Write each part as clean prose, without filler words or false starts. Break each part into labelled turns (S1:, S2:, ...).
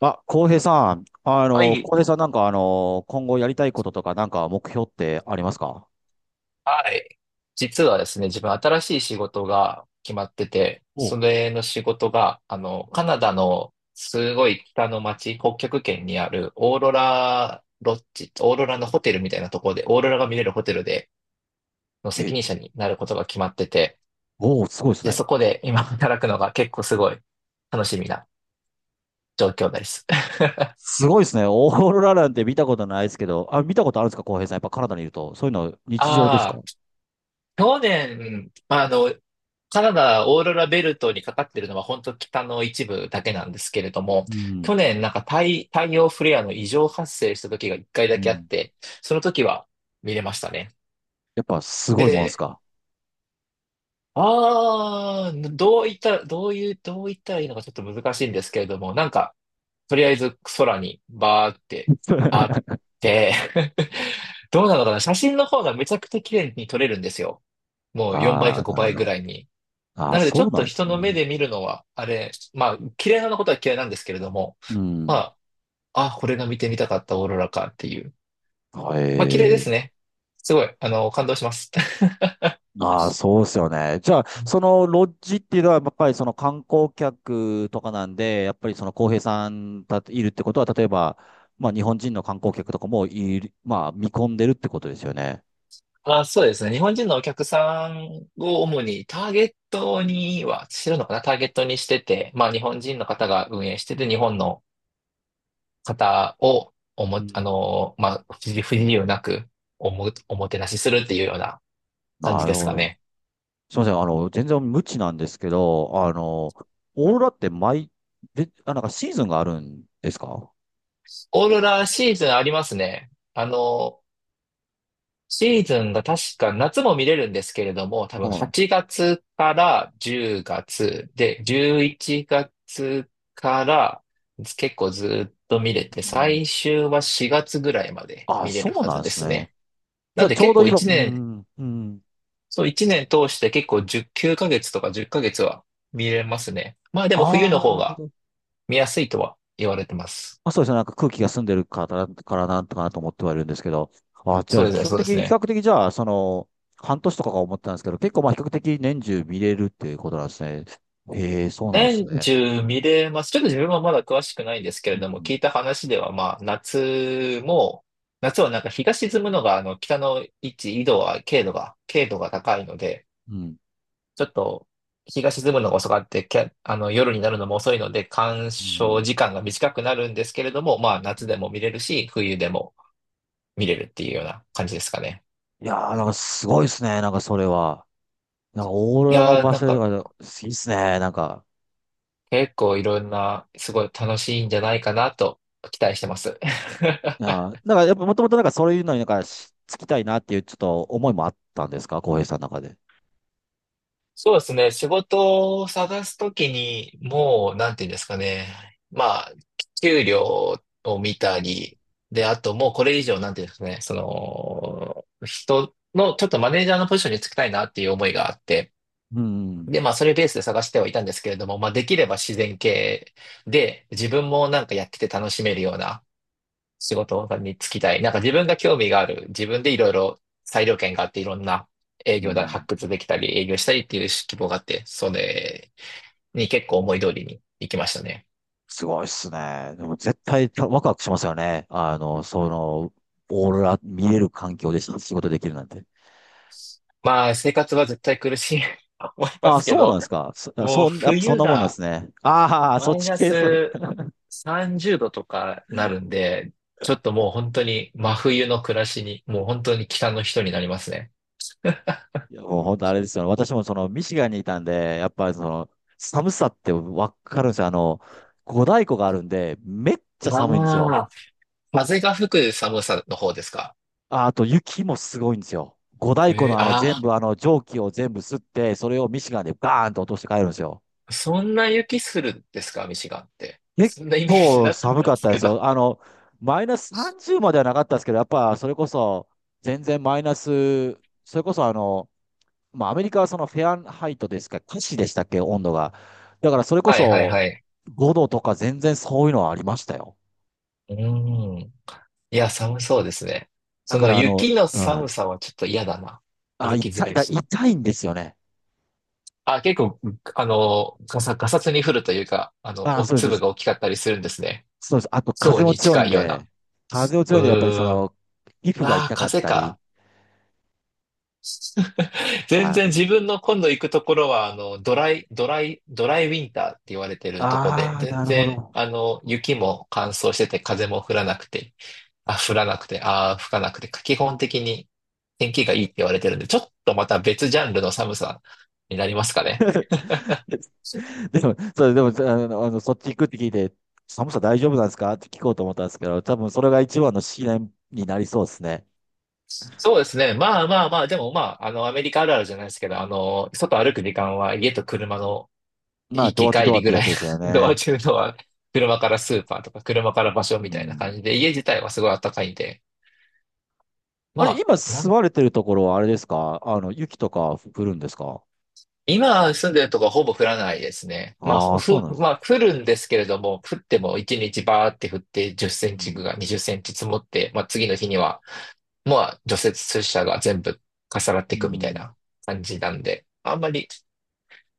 S1: あ、浩平さん、
S2: はい。
S1: 浩平さん今後やりたいこととか目標ってありますか？
S2: はい。実はですね、自分新しい仕事が決まってて、
S1: お、
S2: それの仕事が、カナダのすごい北の町、北極圏にあるオーロラロッジ、オーロラのホテルみたいなところで、オーロラが見れるホテルでの責
S1: え、
S2: 任者になることが決まってて、
S1: おー、すごいです
S2: で、
S1: ね。
S2: そこで今働くのが結構すごい楽しみな状況です。
S1: すごいですね。オーロラなんて見たことないですけど、あ、見たことあるんですか、浩平さん。やっぱカナダにいると。そういうの日常ですか？
S2: あ、去年、カナダオーロラベルトにかかってるのは本当北の一部だけなんですけれども、
S1: うん、
S2: 去年なんか太陽フレアの異常発生した時が一回
S1: う
S2: だけあっ
S1: ん。
S2: て、その時は見れましたね。
S1: やっぱすごいもんです
S2: で、
S1: か？
S2: どういったらいいのかちょっと難しいんですけれども、なんか、とりあえず空にバーってあっ て、 どうなのかな、写真の方がめちゃくちゃ綺麗に撮れるんですよ。もう4倍
S1: あ
S2: か
S1: あー、
S2: 5
S1: な
S2: 倍
S1: る
S2: ぐ
S1: ほど。
S2: らいに。
S1: ああ、
S2: なので、ち
S1: そ
S2: ょ
S1: う
S2: っ
S1: なん
S2: と
S1: で
S2: 人
S1: す
S2: の目
S1: ね。
S2: で見るのは、あれ、まあ、嫌いなことは嫌いなんですけれども、
S1: う
S2: ま
S1: ん。
S2: あ、あ、これが見てみたかったオーロラかっていう。
S1: へ
S2: まあ、綺麗です
S1: え。
S2: ね。すごい、感動します。
S1: ああ、そうですよね。じゃあ、そのロッジっていうのは、やっぱりその観光客とかなんで、やっぱりその浩平さんたいるってことは、例えば、まあ日本人の観光客とかもいる、まあ見込んでるってことですよね。
S2: あ、そうですね。日本人のお客さんを主にターゲットには、知るのかな、ターゲットにしてて、まあ日本人の方が運営してて、日本の方を
S1: うん。
S2: まあ、不自由なくおもてなしするっていうような感
S1: な
S2: じで
S1: る
S2: す
S1: ほ
S2: か
S1: ど。
S2: ね。
S1: すみません。全然無知なんですけど、オーロラってで、あ、なんかシーズンがあるんですか？
S2: オーロラシーズンありますね。シーズンが確か夏も見れるんですけれども、多分
S1: はい。
S2: 8月から10月で、11月から結構ずっと見れて、
S1: うん。
S2: 最終は4月ぐらいまで
S1: あ、
S2: 見れる
S1: そう
S2: は
S1: な
S2: ず
S1: んで
S2: で
S1: す
S2: す
S1: ね。
S2: ね。
S1: じ
S2: な
S1: ゃ
S2: ん
S1: あ、
S2: で
S1: ちょう
S2: 結
S1: ど
S2: 構
S1: 今、
S2: 1
S1: う
S2: 年、
S1: ん、うん。
S2: そう1年通して結構10、9ヶ月とか10ヶ月は見れますね。まあでも
S1: あ
S2: 冬の
S1: あ、な
S2: 方
S1: るほ
S2: が
S1: ど。
S2: 見やすいとは言われてます。
S1: まあ、そうですね。なんか空気が澄んでるからな、からなんとかなと思ってはいるんですけど。あ、じゃ
S2: そ
S1: あ、
S2: う
S1: 比
S2: ですね、
S1: 較
S2: そうで
S1: 的、
S2: す
S1: 比較
S2: ね。
S1: 的じゃあ、その、半年とかが思ってたんですけど、結構まあ比較的年中見れるっていうことなんですね。へえ、そうなんです
S2: 年
S1: ね。
S2: 中見れます。ちょっと自分はまだ詳しくないんですけ
S1: う
S2: れども、
S1: ん、
S2: 聞いた話では、まあ、夏はなんか日が沈むのが、北の位置、緯度は、経度が高いので、
S1: うん、
S2: ちょっと、日が沈むのが遅かって、夜になるのも遅いので、鑑
S1: う
S2: 賞
S1: ん。
S2: 時間が短くなるんですけれども、まあ、
S1: う
S2: 夏で
S1: ん。
S2: も見れるし、冬でも見れるっていうような感じですかね。
S1: いやー、なんかすごいですね。なんかそれは。なんかオーロ
S2: い
S1: ラの
S2: やー、
S1: 場
S2: なん
S1: 所
S2: か、
S1: とか、いいっすね。なんか、
S2: 結構いろんな、すごい楽しいんじゃないかなと、期待してます。
S1: いや ー、なんかやっぱもともとなんかそういうのになんかしつきたいなっていうちょっと思いもあったんですか、浩平さんの中で。
S2: そうですね。仕事を探すときに、もう、なんていうんですかね。まあ、給料を見た
S1: う
S2: り、で、あともうこれ以上、なんていうんですかね。その、人の、ちょっとマネージャーのポジションにつきたいなっていう思いがあって、
S1: ん、うん、
S2: で、まあ、それベースで探してはいたんですけれども、まあ、できれば自然系で、自分もなんかやってて楽しめるような、仕事に就きたい。なんか自分が興味がある。自分でいろいろ裁量権があって、いろんな営
S1: う
S2: 業だ、
S1: ん。
S2: 発掘できたり、営業したりっていう希望があって、それに結構思い通りに行きましたね。
S1: すごいっすね。でも絶対たワクワクしますよね。あの、その、オーロラ見れる環境で仕事できるなんて。
S2: まあ、生活は絶対苦しい と思いま
S1: あ、
S2: すけ
S1: そうなん
S2: ど、
S1: ですか。そ、
S2: もう
S1: そん、やっぱそん
S2: 冬
S1: なもんなんで
S2: が
S1: すね。ああ、そっ
S2: マイ
S1: ち
S2: ナ
S1: 系です。い
S2: ス30度とかなるんで、ちょっともう本当に真冬の暮らしに、もう本当に北の人になりますね。
S1: や、もう本当あれですよ。私もその、ミシガンにいたんで、やっぱりその、寒さってわかるんですよ。あの、五大湖があるんで、めっちゃ寒いんです
S2: あ
S1: よ。
S2: あ、風が吹く寒さの方ですか？
S1: あ、あと雪もすごいんですよ。五大湖
S2: えー、
S1: のあの全
S2: あ、
S1: 部、あの蒸気を全部吸って、それをミシガンでバーンと落として帰るんですよ。
S2: そんな雪するんですか、ミシガンって。
S1: 結
S2: そんなイメージ
S1: 構
S2: なかっ
S1: 寒
S2: たん
S1: かっ
S2: です
S1: たで
S2: け
S1: す
S2: ど。
S1: よ。あの、マイナス30まではなかったですけど、やっぱそれこそ全然マイナス、それこそあの、まあアメリカはそのフェアハイトですか、華氏でしたっけ、温度が。だからそれこ
S2: はいはい
S1: そ
S2: はい。
S1: 5度とか全然そういうのはありましたよ。
S2: うーん。いや、寒そうですね。
S1: だ
S2: そ
S1: か
S2: の
S1: らあの、
S2: 雪の
S1: う
S2: 寒
S1: ん。
S2: さはちょっと嫌だな。
S1: あ、
S2: 歩きづ
S1: 痛い、
S2: らい
S1: だ、
S2: し。
S1: 痛いんですよね。
S2: あ、結構、ガサツに降るというか、
S1: あ、
S2: お
S1: そうです、そうで
S2: 粒が
S1: す。
S2: 大きかったりするんですね。
S1: そうです。あと
S2: ひょ
S1: 風
S2: う
S1: も
S2: に
S1: 強い
S2: 近
S1: ん
S2: いような。
S1: で、風も強
S2: う
S1: いんで、やっぱりそ
S2: ーん。
S1: の、皮
S2: う
S1: 膚が
S2: わあ、
S1: 痛かっ
S2: 風
S1: たり。
S2: か。全
S1: はい。
S2: 然自分の今度行くところは、ドライウィンターって言われてるとこで、
S1: ああ、
S2: 全
S1: なるほ
S2: 然、
S1: ど。
S2: 雪も乾燥してて、風も降らなくて、降らなくて、吹かなくて、基本的に天気がいいって言われてるんで、ちょっとまた別ジャンルの寒さになりますかね。そ
S1: でも、そう、でも、あの、あのそっち行くって聞いて、寒さ大丈夫なんですかって聞こうと思ったんですけど、多分それが一番の試練になりそうですね。
S2: そうですね。まあまあまあ、でもまあ、アメリカあるあるじゃないですけど、外歩く時間は家と車の
S1: まあ、
S2: 行
S1: ド
S2: き
S1: アと
S2: 帰
S1: ドアっ
S2: りぐ
S1: てや
S2: らい、
S1: つですよ
S2: ドア
S1: ね。
S2: 中のは車からスーパーとか車から場所み
S1: う
S2: たいな感
S1: ん。
S2: じで、家自体はすごい暖かいんで、
S1: あ
S2: ま
S1: れ、
S2: あ、
S1: 今住まれてるところはあれですかあの、雪とか降るんですか？
S2: 今住んでるとこはほぼ降らないですね。まあ、
S1: ああー、そうなんです。
S2: まあ、降るんですけれども、降っても1日バーって降って10セ
S1: う
S2: ンチ
S1: ん。
S2: が20センチ積もって、まあ次の日には、まあ除雪車が全部重なって
S1: う
S2: いくみたい
S1: ん。
S2: な感じなんで、あんまり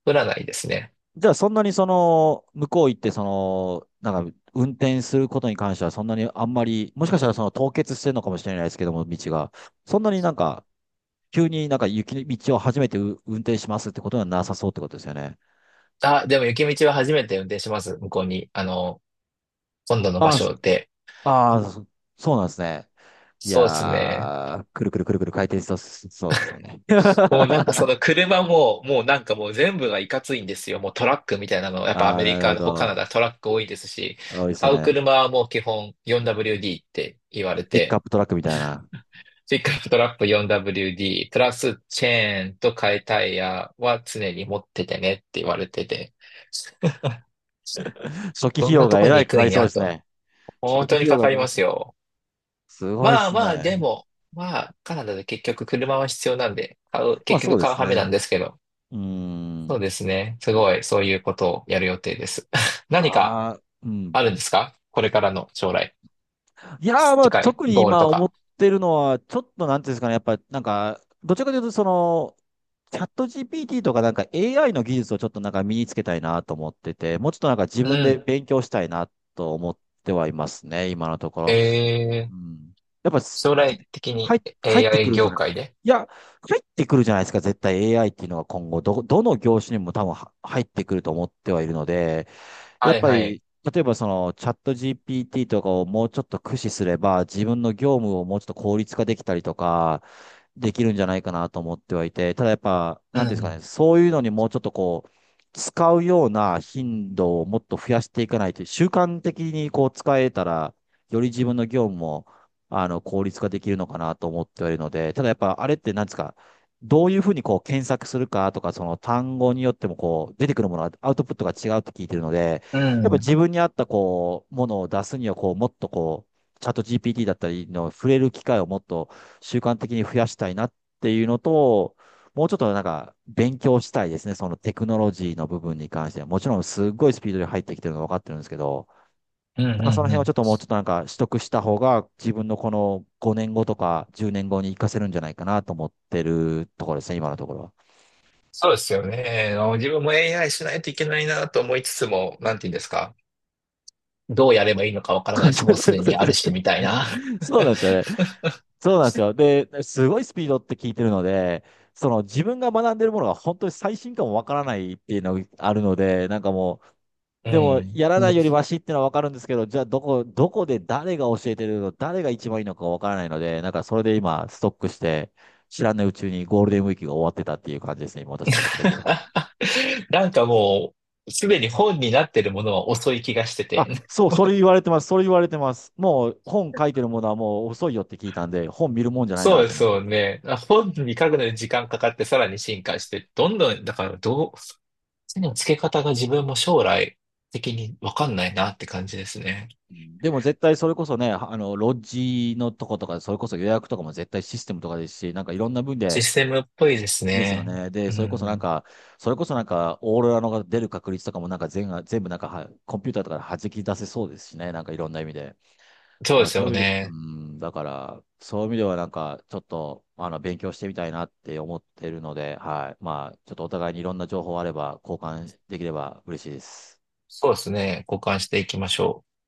S2: 降らないですね。
S1: じゃあ、そんなにその、向こう行って、その、なんか、運転することに関しては、そんなにあんまり、もしかしたらその凍結してるのかもしれないですけども、道が。そんなになんか、急になんか雪の道を初めてう運転しますってことはなさそうってことですよね。
S2: あ、でも雪道は初めて運転します。向こうに、今度の場
S1: ああ、そ、
S2: 所で。
S1: ああ、そ、そうなんですね。いや
S2: そうですね。
S1: ー、くるくるくるくる回転しそう、そうですね。
S2: もうな んかその車も、もうなんかもう全部がいかついんですよ。もうトラックみたいなの、やっぱア
S1: ああ、
S2: メ
S1: な
S2: リ
S1: るほ
S2: カ、カナ
S1: ど。
S2: ダトラック多いですし、
S1: 多いですよ
S2: 買う
S1: ね。
S2: 車はもう基本 4WD って言われ
S1: ピックアッ
S2: て、
S1: プトラックみたいな。
S2: ピックアップトラップ 4WD、プラスチェーンと替えタイヤは常に持っててねって言われてて、
S1: 初期
S2: ど
S1: 費
S2: ん
S1: 用
S2: なと
S1: がえ
S2: こ
S1: ら
S2: に
S1: い
S2: 行
S1: か
S2: く
S1: かり
S2: ん
S1: そう
S2: や
S1: です
S2: と。
S1: ね。初
S2: 本
S1: 期
S2: 当
S1: 費
S2: に
S1: 用
S2: か
S1: が
S2: かり
S1: かか
S2: ますよ。
S1: すごいで
S2: まあ
S1: す
S2: まあ、で
S1: ね。
S2: も、まあ、カナダで結局車は必要なんで、
S1: まあ
S2: 結
S1: そ
S2: 局
S1: うで
S2: 買う
S1: す
S2: ハメ
S1: ね。
S2: なんですけど、
S1: うー
S2: そう
S1: ん。
S2: ですね。すごい、そういうことをやる予定です。何か
S1: ああ、うん。
S2: あるんですかこれからの将来。
S1: いやー、まあ、
S2: 近い
S1: 特に
S2: ゴール
S1: 今
S2: と
S1: 思っ
S2: か。
S1: てるのは、ちょっとなんていうんですかね、やっぱ、なんか、どちらかというと、その、チャット GPT とかAI の技術をちょっとなんか身につけたいなと思ってて、もうちょっとなんか自
S2: う
S1: 分で
S2: ん。
S1: 勉強したいなと思ってはいますね、今のとこ
S2: え
S1: ろ。
S2: ー、
S1: うん。やっぱす、
S2: 将来的に
S1: 入、入ってく
S2: AI
S1: るじ
S2: 業
S1: ゃない。
S2: 界で。
S1: いや、入ってくるじゃないですか、絶対 AI っていうのは今後、ど、どの業種にも多分は入ってくると思ってはいるので、やっ
S2: はい
S1: ぱ
S2: はい。
S1: り、例えばそのチャット GPT とかをもうちょっと駆使すれば、自分の業務をもうちょっと効率化できたりとか、できるんじゃないかなと思ってはいて、ただやっぱ、
S2: う
S1: なんていうんですか
S2: ん、
S1: ね、そういうのにもうちょっとこう、使うような頻度をもっと増やしていかないと、習慣的にこう使えたら、より自分の業務も、あの、効率化できるのかなと思ってはいるので、ただやっぱあれってなんですか、どういうふうにこう検索するかとか、その単語によってもこう出てくるものはアウトプットが違うって聞いてるので、
S2: う
S1: やっぱ
S2: ん。
S1: 自分に合ったこう、ものを出すにはこう、もっとこう、チャット GPT だったりの触れる機会をもっと習慣的に増やしたいなっていうのと、もうちょっとなんか勉強したいですね。そのテクノロジーの部分に関しては。もちろんすっごいスピードで入ってきてるのは分かってるんですけど、
S2: うん、う
S1: な
S2: ん、
S1: んか
S2: う
S1: その
S2: んう
S1: 辺をちょっ
S2: ん。
S1: ともうちょっとなんか取得した方が自分のこの5年後とか10年後に活かせるんじゃないかなと思ってるところですね、今のところは。
S2: そうですよね。自分も AI しないといけないなと思いつつも、なんて言うんですか。どうやればいいのかわからない し、もう
S1: そ
S2: すで
S1: うそ
S2: にあるして
S1: う
S2: みたいな。
S1: そう なんですよね。そうなんですよ。で、すごいスピードって聞いてるので、その自分が学んでるものが本当に最新かもわからないっていうのがあるので、なんかも
S2: う
S1: う、でも、やらないより
S2: ん。
S1: マシってのはわかるんですけど、じゃあ、どこで誰が教えてるの、誰が一番いいのかわからないので、なんかそれで今、ストックして、知らないうちにゴールデンウィークが終わってたっていう感じですね、今私の状況。
S2: なんかもう、すでに本になってるものは遅い気がして
S1: あ、
S2: て。
S1: そう、それ言われてます、それ言われてます。もう、本書いてるものはもう遅いよって聞いたんで、本見るもんじゃない
S2: そう
S1: な
S2: で
S1: と思
S2: す
S1: って。
S2: よね。あ、本に書くのに時間かかってさらに進化して、どんどん、だからどう、手の付け方が自分も将来的にわかんないなって感じですね。
S1: でも絶対それこそね、あの、ロッジのとことか、それこそ予約とかも絶対システムとかですし、なんかいろんな分
S2: シ
S1: で、
S2: ステムっぽいです
S1: ですよ
S2: ね。
S1: ね。で、
S2: う
S1: それこそなん
S2: ん。
S1: か、それこそなんか、オーロラのが出る確率とかもなんか全が、全部なんかは、コンピューターとかで弾き出せそうですしね。なんかいろんな意味で。だか
S2: そうで
S1: ら
S2: す
S1: そういう
S2: よ
S1: 意味で、う
S2: ね。
S1: ん、だから、そういう意味ではなんか、ちょっと、あの、勉強してみたいなって思ってるので、はい。まあ、ちょっとお互いにいろんな情報あれば、交換できれば嬉しいです。
S2: そうですね。交換していきましょう。